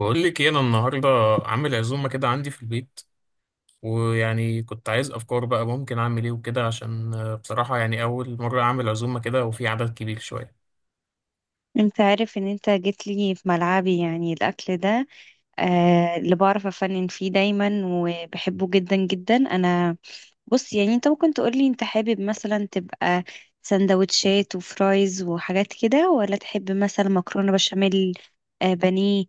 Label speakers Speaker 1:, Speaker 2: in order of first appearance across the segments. Speaker 1: بقول لك ايه انا النهارده عامل عزومه كده عندي في البيت. ويعني كنت عايز افكار بقى ممكن اعمل ايه وكده، عشان بصراحه يعني اول مره اعمل عزومه كده وفي عدد كبير شويه.
Speaker 2: انت عارف ان انت جيت لي في ملعبي، يعني الاكل ده اللي بعرف افنن فيه دايما، وبحبه جدا جدا انا. بص، يعني انت ممكن تقولي انت حابب مثلا تبقى سندوتشات وفرايز وحاجات كده، ولا تحب مثلا مكرونة بشاميل، بانيه،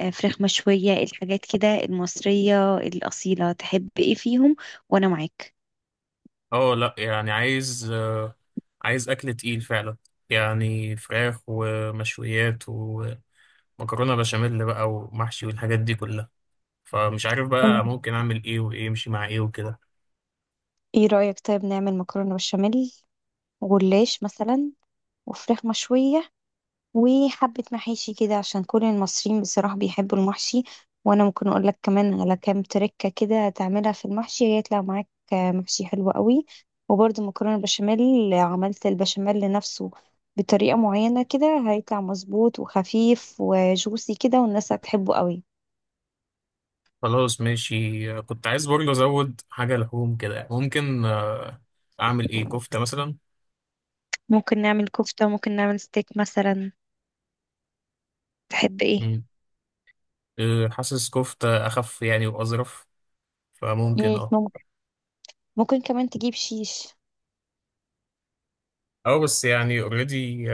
Speaker 2: فراخ مشوية، الحاجات كده المصرية الأصيلة. تحب ايه فيهم؟ وانا معاك.
Speaker 1: اه لا، يعني عايز اكل تقيل فعلا، يعني فراخ ومشويات ومكرونه بشاميل بقى ومحشي والحاجات دي كلها. فمش عارف بقى ممكن اعمل ايه، وايه يمشي مع ايه وكده.
Speaker 2: ايه رأيك طيب نعمل مكرونة بشاميل، وجلاش مثلا، وفراخ مشوية، وحبة محاشي كده، عشان كل المصريين بصراحة بيحبوا المحشي. وأنا ممكن أقول لك كمان على كام تركة كده تعملها في المحشي، هيطلع معاك محشي حلو قوي. وبرده مكرونة بشاميل، عملت البشاميل لنفسه بطريقة معينة كده، هيطلع مظبوط وخفيف وجوسي كده، والناس هتحبه قوي.
Speaker 1: خلاص ماشي، كنت عايز برضه ازود حاجه لحوم كده، ممكن اعمل ايه؟ كفته مثلا؟
Speaker 2: ممكن نعمل كفتة، ممكن نعمل ستيك مثلا. تحب ايه؟
Speaker 1: حاسس كفتة أخف يعني وأظرف، فممكن
Speaker 2: ممكن. ممكن كمان تجيب شيش.
Speaker 1: أو، بس يعني اوريدي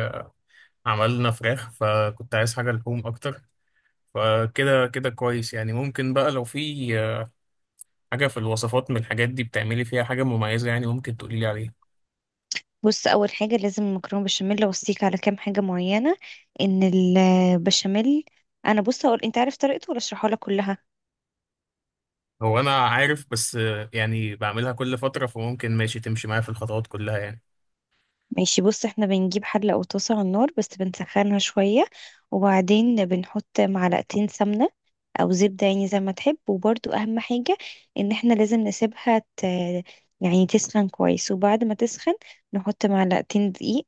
Speaker 1: عملنا فراخ، فكنت عايز حاجة لحوم أكتر، فكده كده كويس يعني. ممكن بقى لو في حاجة في الوصفات من الحاجات دي بتعملي فيها حاجة مميزة يعني، ممكن تقولي لي عليها.
Speaker 2: بص، اول حاجه لازم المكرونه بشاميل اوصيك على كام حاجه معينه. ان البشاميل، انا بص هقول، انت عارف طريقته ولا اشرحها لك كلها؟
Speaker 1: هو أنا عارف، بس يعني بعملها كل فترة، فممكن ماشي، تمشي معايا في الخطوات كلها يعني.
Speaker 2: ماشي، بص احنا بنجيب حله او طاسه على النار، بس بنسخنها شويه. وبعدين بنحط معلقتين سمنه او زبده، يعني زي ما تحب. وبرده اهم حاجه ان احنا لازم نسيبها يعني تسخن كويس. وبعد ما تسخن نحط معلقتين دقيق.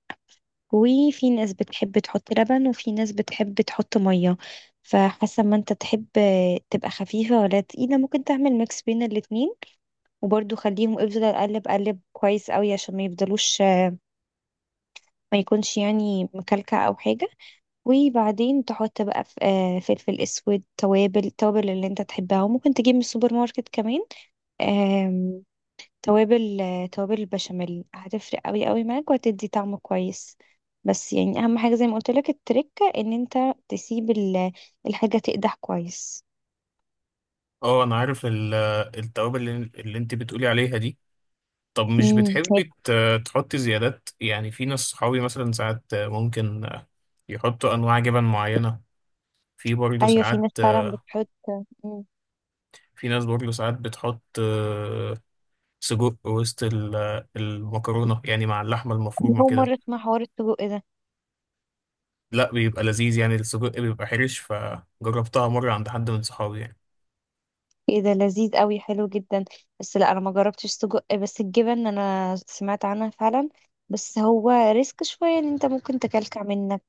Speaker 2: وفي ناس بتحب تحط لبن، وفي ناس بتحب تحط مية، فحسب ما انت تحب تبقى خفيفة ولا تقيلة. ممكن تعمل ميكس بين الاتنين. وبرضو خليهم، افضل اقلب قلب كويس قوي عشان ما يفضلوش، ما يكونش يعني مكلكع او حاجة. وبعدين تحط بقى فلفل اسود، توابل، التوابل اللي انت تحبها. وممكن تجيب من السوبر ماركت كمان توابل. توابل البشاميل هتفرق قوي قوي معاك، وهتدي طعم كويس. بس يعني اهم حاجه زي ما قلت لك التركه ان انت تسيب الحاجه تقدح كويس.
Speaker 1: اه، أنا عارف التوابل اللي انت بتقولي عليها دي. طب مش
Speaker 2: امم.
Speaker 1: بتحبي تحطي زيادات؟ يعني في ناس صحابي مثلا ساعات ممكن يحطوا أنواع جبن معينة. في برضه
Speaker 2: ايوه، في
Speaker 1: ساعات،
Speaker 2: ناس فعلا بتحط. مم.
Speaker 1: في ناس برضه ساعات بتحط سجق وسط المكرونة، يعني مع اللحمة
Speaker 2: أنا
Speaker 1: المفرومة
Speaker 2: اول
Speaker 1: كده.
Speaker 2: مره اسمع حوار السجق ده.
Speaker 1: لا، بيبقى لذيذ يعني، السجق بيبقى حرش، فجربتها مرة عند حد من صحابي يعني.
Speaker 2: ايه ده، لذيذ قوي، حلو جدا. بس لا، انا ما جربتش سجق، بس الجبن انا سمعت عنها فعلا. بس هو ريسك شويه، ان انت ممكن تكلكع منك.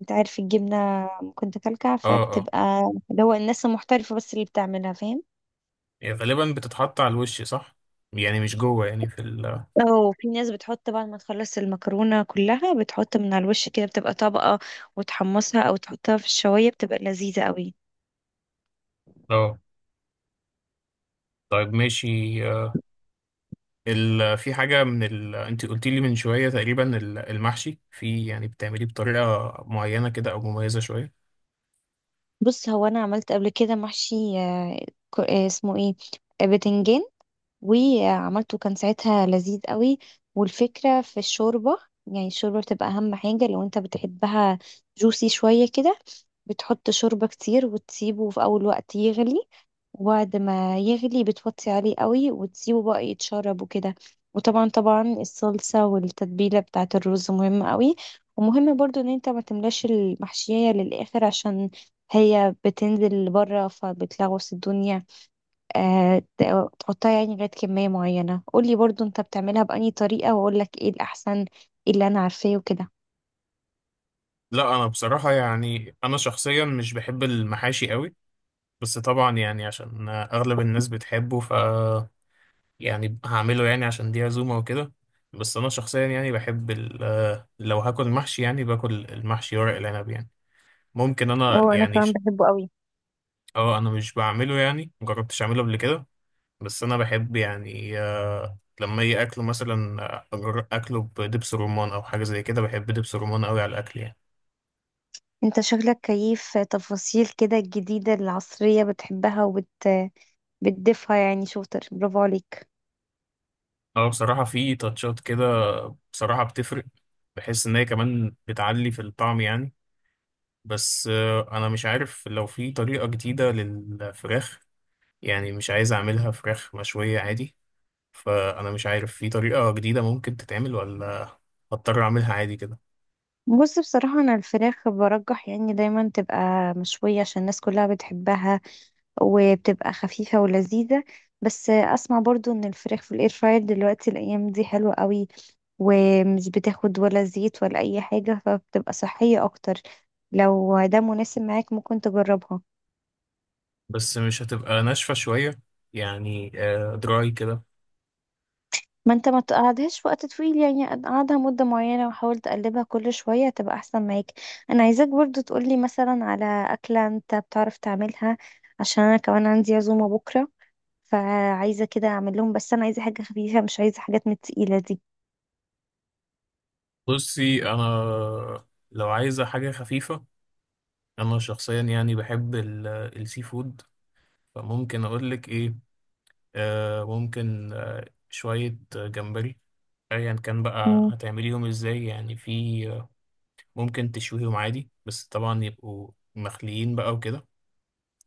Speaker 2: انت عارف الجبنه ممكن تكلكع
Speaker 1: اه اه.
Speaker 2: فبتبقى اللي هو الناس المحترفه بس اللي بتعملها، فاهم.
Speaker 1: يعني غالبا بتتحط على الوش صح، يعني مش جوه يعني في ال.
Speaker 2: اه، في ناس بتحط بعد ما تخلص المكرونة كلها، بتحط من على الوش كده بتبقى طبقة، وتحمصها او تحطها في الشواية، بتبقى لذيذة قوي.
Speaker 1: اه، طيب ماشي. آه. في حاجة من انت قلت لي من شوية تقريبا، المحشي، في يعني بتعمليه بطريقة معينة كده او مميزة شوية؟
Speaker 2: بص، هو انا عملت قبل كده محشي، اسمه ايه، بتنجان. وعملته كان ساعتها لذيذ قوي. والفكرة في الشوربة، يعني الشوربة بتبقى أهم حاجة. لو أنت بتحبها جوسي شوية كده، بتحط شوربة كتير وتسيبه في أول وقت يغلي. وبعد ما يغلي بتوطي عليه قوي وتسيبه بقى يتشرب وكده. وطبعا طبعا الصلصة والتتبيلة بتاعة الرز مهمة قوي. ومهم برضو ان انت ما تملاش المحشية للآخر، عشان هي بتنزل بره فبتلغوص الدنيا. تحطها يعني لغاية كمية معينة. قولي برضو انت بتعملها بأني طريقة واقولك ايه الأحسن، ايه اللي انا عارفاه وكده.
Speaker 1: لا انا بصراحة يعني، انا شخصيا مش بحب المحاشي قوي، بس طبعا يعني عشان اغلب الناس بتحبه، ف يعني هعمله يعني، عشان دي عزومة وكده. بس انا شخصيا يعني بحب لو هاكل محشي يعني، باكل المحشي ورق العنب يعني. ممكن انا
Speaker 2: اه، انا
Speaker 1: يعني
Speaker 2: كمان بحبه قوي.
Speaker 1: اه، انا مش بعمله يعني، مجربتش اعمله قبل كده، بس انا بحب يعني لما اجي اكله مثلا، اكله بدبس رمان او حاجه زي كده، بحب دبس رمان قوي على الاكل يعني.
Speaker 2: انت شغلك كيف، تفاصيل كده الجديدة العصرية بتحبها بتضيفها، يعني شاطر، برافو عليك.
Speaker 1: اه، بصراحه في تاتشات كده، بصراحه بتفرق، بحس ان هي كمان بتعلي في الطعم يعني. بس انا مش عارف لو في طريقه جديده للفراخ، يعني مش عايز اعملها فراخ مشويه عادي، فانا مش عارف في طريقه جديده ممكن تتعمل، ولا هضطر اعملها عادي كده.
Speaker 2: بص، بصراحة أنا الفراخ برجح يعني دايما تبقى مشوية، عشان الناس كلها بتحبها، وبتبقى خفيفة ولذيذة. بس اسمع برضو ان الفراخ في الاير فراير دلوقتي الايام دي حلوة قوي، ومش بتاخد ولا زيت ولا اي حاجة، فبتبقى صحية اكتر. لو ده مناسب معاك ممكن تجربها.
Speaker 1: بس مش هتبقى ناشفه شويه يعني، دراي كده؟
Speaker 2: ما انت ما تقعدهاش في وقت طويل، يعني قعدها مدة معينة وحاول تقلبها كل شوية، تبقى احسن معاك. انا عايزاك برضو تقولي مثلا على اكلة انت بتعرف تعملها، عشان انا كمان عندي عزومة بكرة، فعايزة كده اعمل لهم، بس انا عايزة حاجة خفيفة، مش عايزة حاجات من التقيلة دي.
Speaker 1: بصي انا، لو عايزه حاجه خفيفه، انا شخصيا يعني بحب السي فود، فممكن اقول لك ايه. ممكن شويه جمبري، ايا كان بقى هتعمليهم ازاي يعني. في ممكن تشويهم عادي، بس طبعا يبقوا مخليين بقى وكده،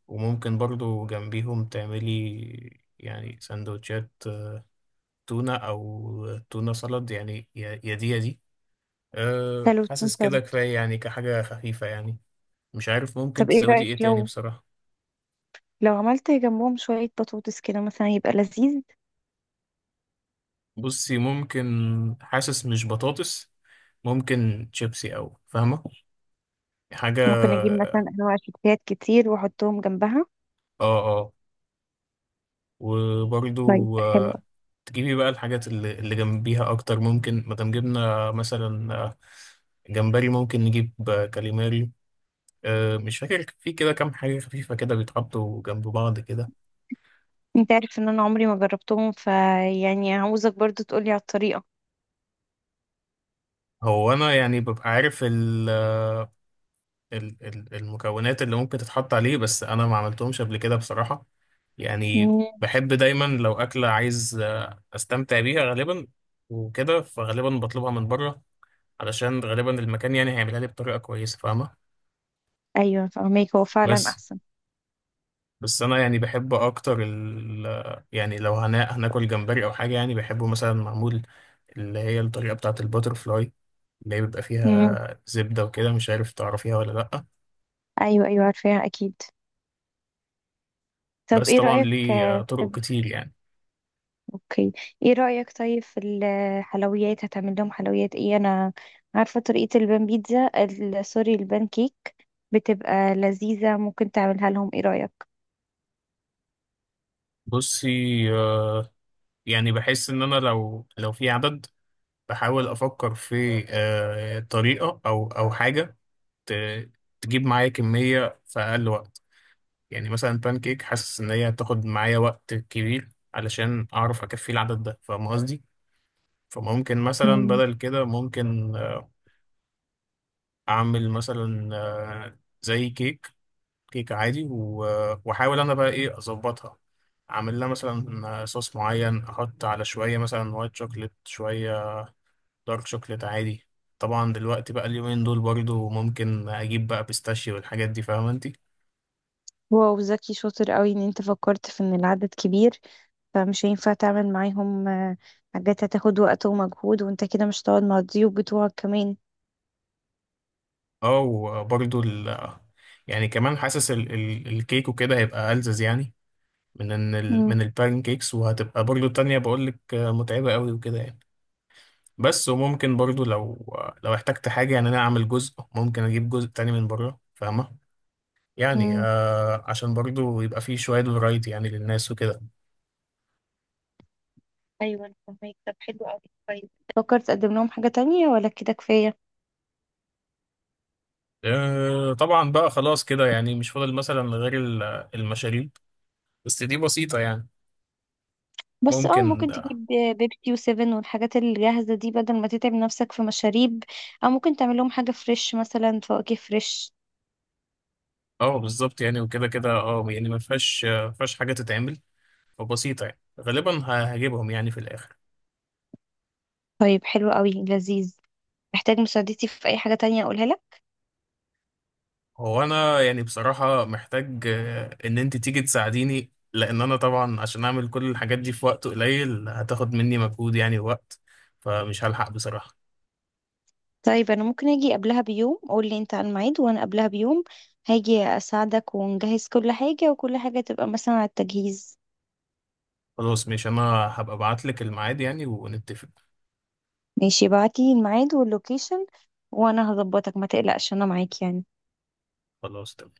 Speaker 1: وممكن برضو جنبيهم تعملي يعني سندوتشات تونه، او تونه سلad يعني، يا دي يا دي. أه،
Speaker 2: حلو، تكون
Speaker 1: حاسس كده
Speaker 2: سلطة.
Speaker 1: كفايه يعني، كحاجه خفيفه يعني. مش عارف ممكن
Speaker 2: طب ايه
Speaker 1: تزودي
Speaker 2: رأيك،
Speaker 1: ايه تاني
Speaker 2: لو
Speaker 1: بصراحة.
Speaker 2: لو عملت جنبهم شوية بطاطس كده مثلا، يبقى لذيذ.
Speaker 1: بصي ممكن، حاسس مش بطاطس، ممكن شيبسي او فاهمة، حاجة
Speaker 2: ممكن اجيب مثلا انواع شيبسيات كتير واحطهم جنبها.
Speaker 1: اه،
Speaker 2: طيب،
Speaker 1: وبرضو
Speaker 2: حلو.
Speaker 1: تجيبي بقى الحاجات اللي جنبيها اكتر ممكن، مادام جبنا مثلا جمبري، ممكن نجيب كاليماري، مش فاكر في كده كام حاجة خفيفة كده بيتحطوا جنب بعض كده.
Speaker 2: انت عارف ان انا عمري ما جربتهم، فيعني عاوزك برضو تقولي على الطريقة.
Speaker 1: هو انا يعني ببقى عارف المكونات اللي ممكن تتحط عليه، بس انا ما عملتهمش قبل كده بصراحة يعني.
Speaker 2: مم.
Speaker 1: بحب دايما لو أكلة عايز أستمتع بيها غالبا وكده، فغالبا بطلبها من بره، علشان غالبا المكان يعني هيعملها لي بطريقة كويسة فاهمة.
Speaker 2: ايوه، فهميك، هو فعلا
Speaker 1: بس
Speaker 2: احسن.
Speaker 1: أنا يعني بحب أكتر ال، يعني لو هنا هناكل جمبري أو حاجة، يعني بحبه مثلا معمول، اللي هي الطريقة بتاعة الباتر فلاي، اللي هي بيبقى
Speaker 2: مم.
Speaker 1: فيها زبدة وكده، مش عارف تعرفيها ولا لأ،
Speaker 2: ايوه ايوه، عارفاها اكيد. طب
Speaker 1: بس
Speaker 2: ايه
Speaker 1: طبعا
Speaker 2: رأيك
Speaker 1: ليه
Speaker 2: في.
Speaker 1: طرق كتير يعني.
Speaker 2: اوكي، ايه رأيك طيب في الحلويات؟ هتعمل لهم حلويات ايه؟ انا عارفة طريقة البان بيتزا ال- سوري البان كيك، بتبقى لذيذة، ممكن تعملها لهم. ايه رأيك؟
Speaker 1: بصي، آه، يعني بحس إن أنا لو في عدد، بحاول افكر في طريقه او حاجه ت- تجيب معايا كميه في اقل وقت. يعني مثلا بانكيك، حاسس ان هي هتاخد معايا وقت كبير علشان اعرف اكفي العدد ده، فاهم قصدي؟ فممكن مثلا
Speaker 2: مم.
Speaker 1: بدل كده، ممكن اعمل مثلا زي كيك عادي، واحاول انا بقى ايه اظبطها. اعمل لها مثلا صوص معين، احط على شويه مثلا وايت شوكليت، شويه دارك شوكليت عادي. طبعا دلوقتي بقى اليومين دول برضو، ممكن اجيب بقى بيستاشيو والحاجات دي، فاهمه انت.
Speaker 2: واو، ذكي، شاطر قوي ان انت فكرت في ان العدد كبير، فمش هينفع تعمل معاهم حاجات هتاخد وقت ومجهود، وانت كده مش هتقعد مع الضيوف بتوعك كمان.
Speaker 1: اه، وبرضو ال، يعني كمان حاسس ال ال الكيك وكده هيبقى ألذذ يعني، من ان
Speaker 2: مم.
Speaker 1: من البان كيكس، وهتبقى برضو التانية بقول لك متعبة قوي وكده يعني. بس وممكن برضو لو احتجت حاجة يعني، انا اعمل جزء، ممكن اجيب جزء تاني من بره فاهمة، يعني
Speaker 2: مم.
Speaker 1: عشان برضو يبقى فيه شوية فرايتي يعني للناس وكده.
Speaker 2: ايوه، انا فاهمك. طب حلو قوي، كويس. فكرت تقدم لهم حاجة تانية ولا كده كفاية؟
Speaker 1: طبعا بقى خلاص كده يعني، مش فاضل مثلا غير المشاريب، بس دي بسيطة يعني.
Speaker 2: بس اه،
Speaker 1: ممكن
Speaker 2: ممكن تجيب بيبسي وسيفن والحاجات الجاهزة دي بدل ما تتعب نفسك في مشاريب، او ممكن تعمل لهم حاجة فريش، مثلا فواكه فريش.
Speaker 1: بالظبط يعني، وكده كده يعني، ما فيهاش ما فيهاش حاجة تتعمل، فبسيطة يعني غالبا هجيبهم يعني في الآخر.
Speaker 2: طيب، حلو قوي، لذيذ. محتاج مساعدتي في اي حاجة تانية اقولها لك؟
Speaker 1: هو أنا يعني بصراحة محتاج إن أنت تيجي تساعديني، لأن أنا طبعا، عشان أعمل كل الحاجات دي في وقت قليل، هتاخد مني مجهود يعني ووقت، فمش هلحق بصراحة.
Speaker 2: طيب انا ممكن اجي قبلها بيوم. قول لي انت على الميعاد وانا قبلها بيوم هاجي اساعدك ونجهز كل حاجة، وكل حاجة تبقى مثلا على التجهيز.
Speaker 1: خلاص ماشي، أنا هبقى أبعتلك الميعاد يعني ونتفق.
Speaker 2: ماشي، بعتي الميعاد واللوكيشن، وانا هظبطك، ما تقلقش، انا معاك يعني.
Speaker 1: خلاص تمام.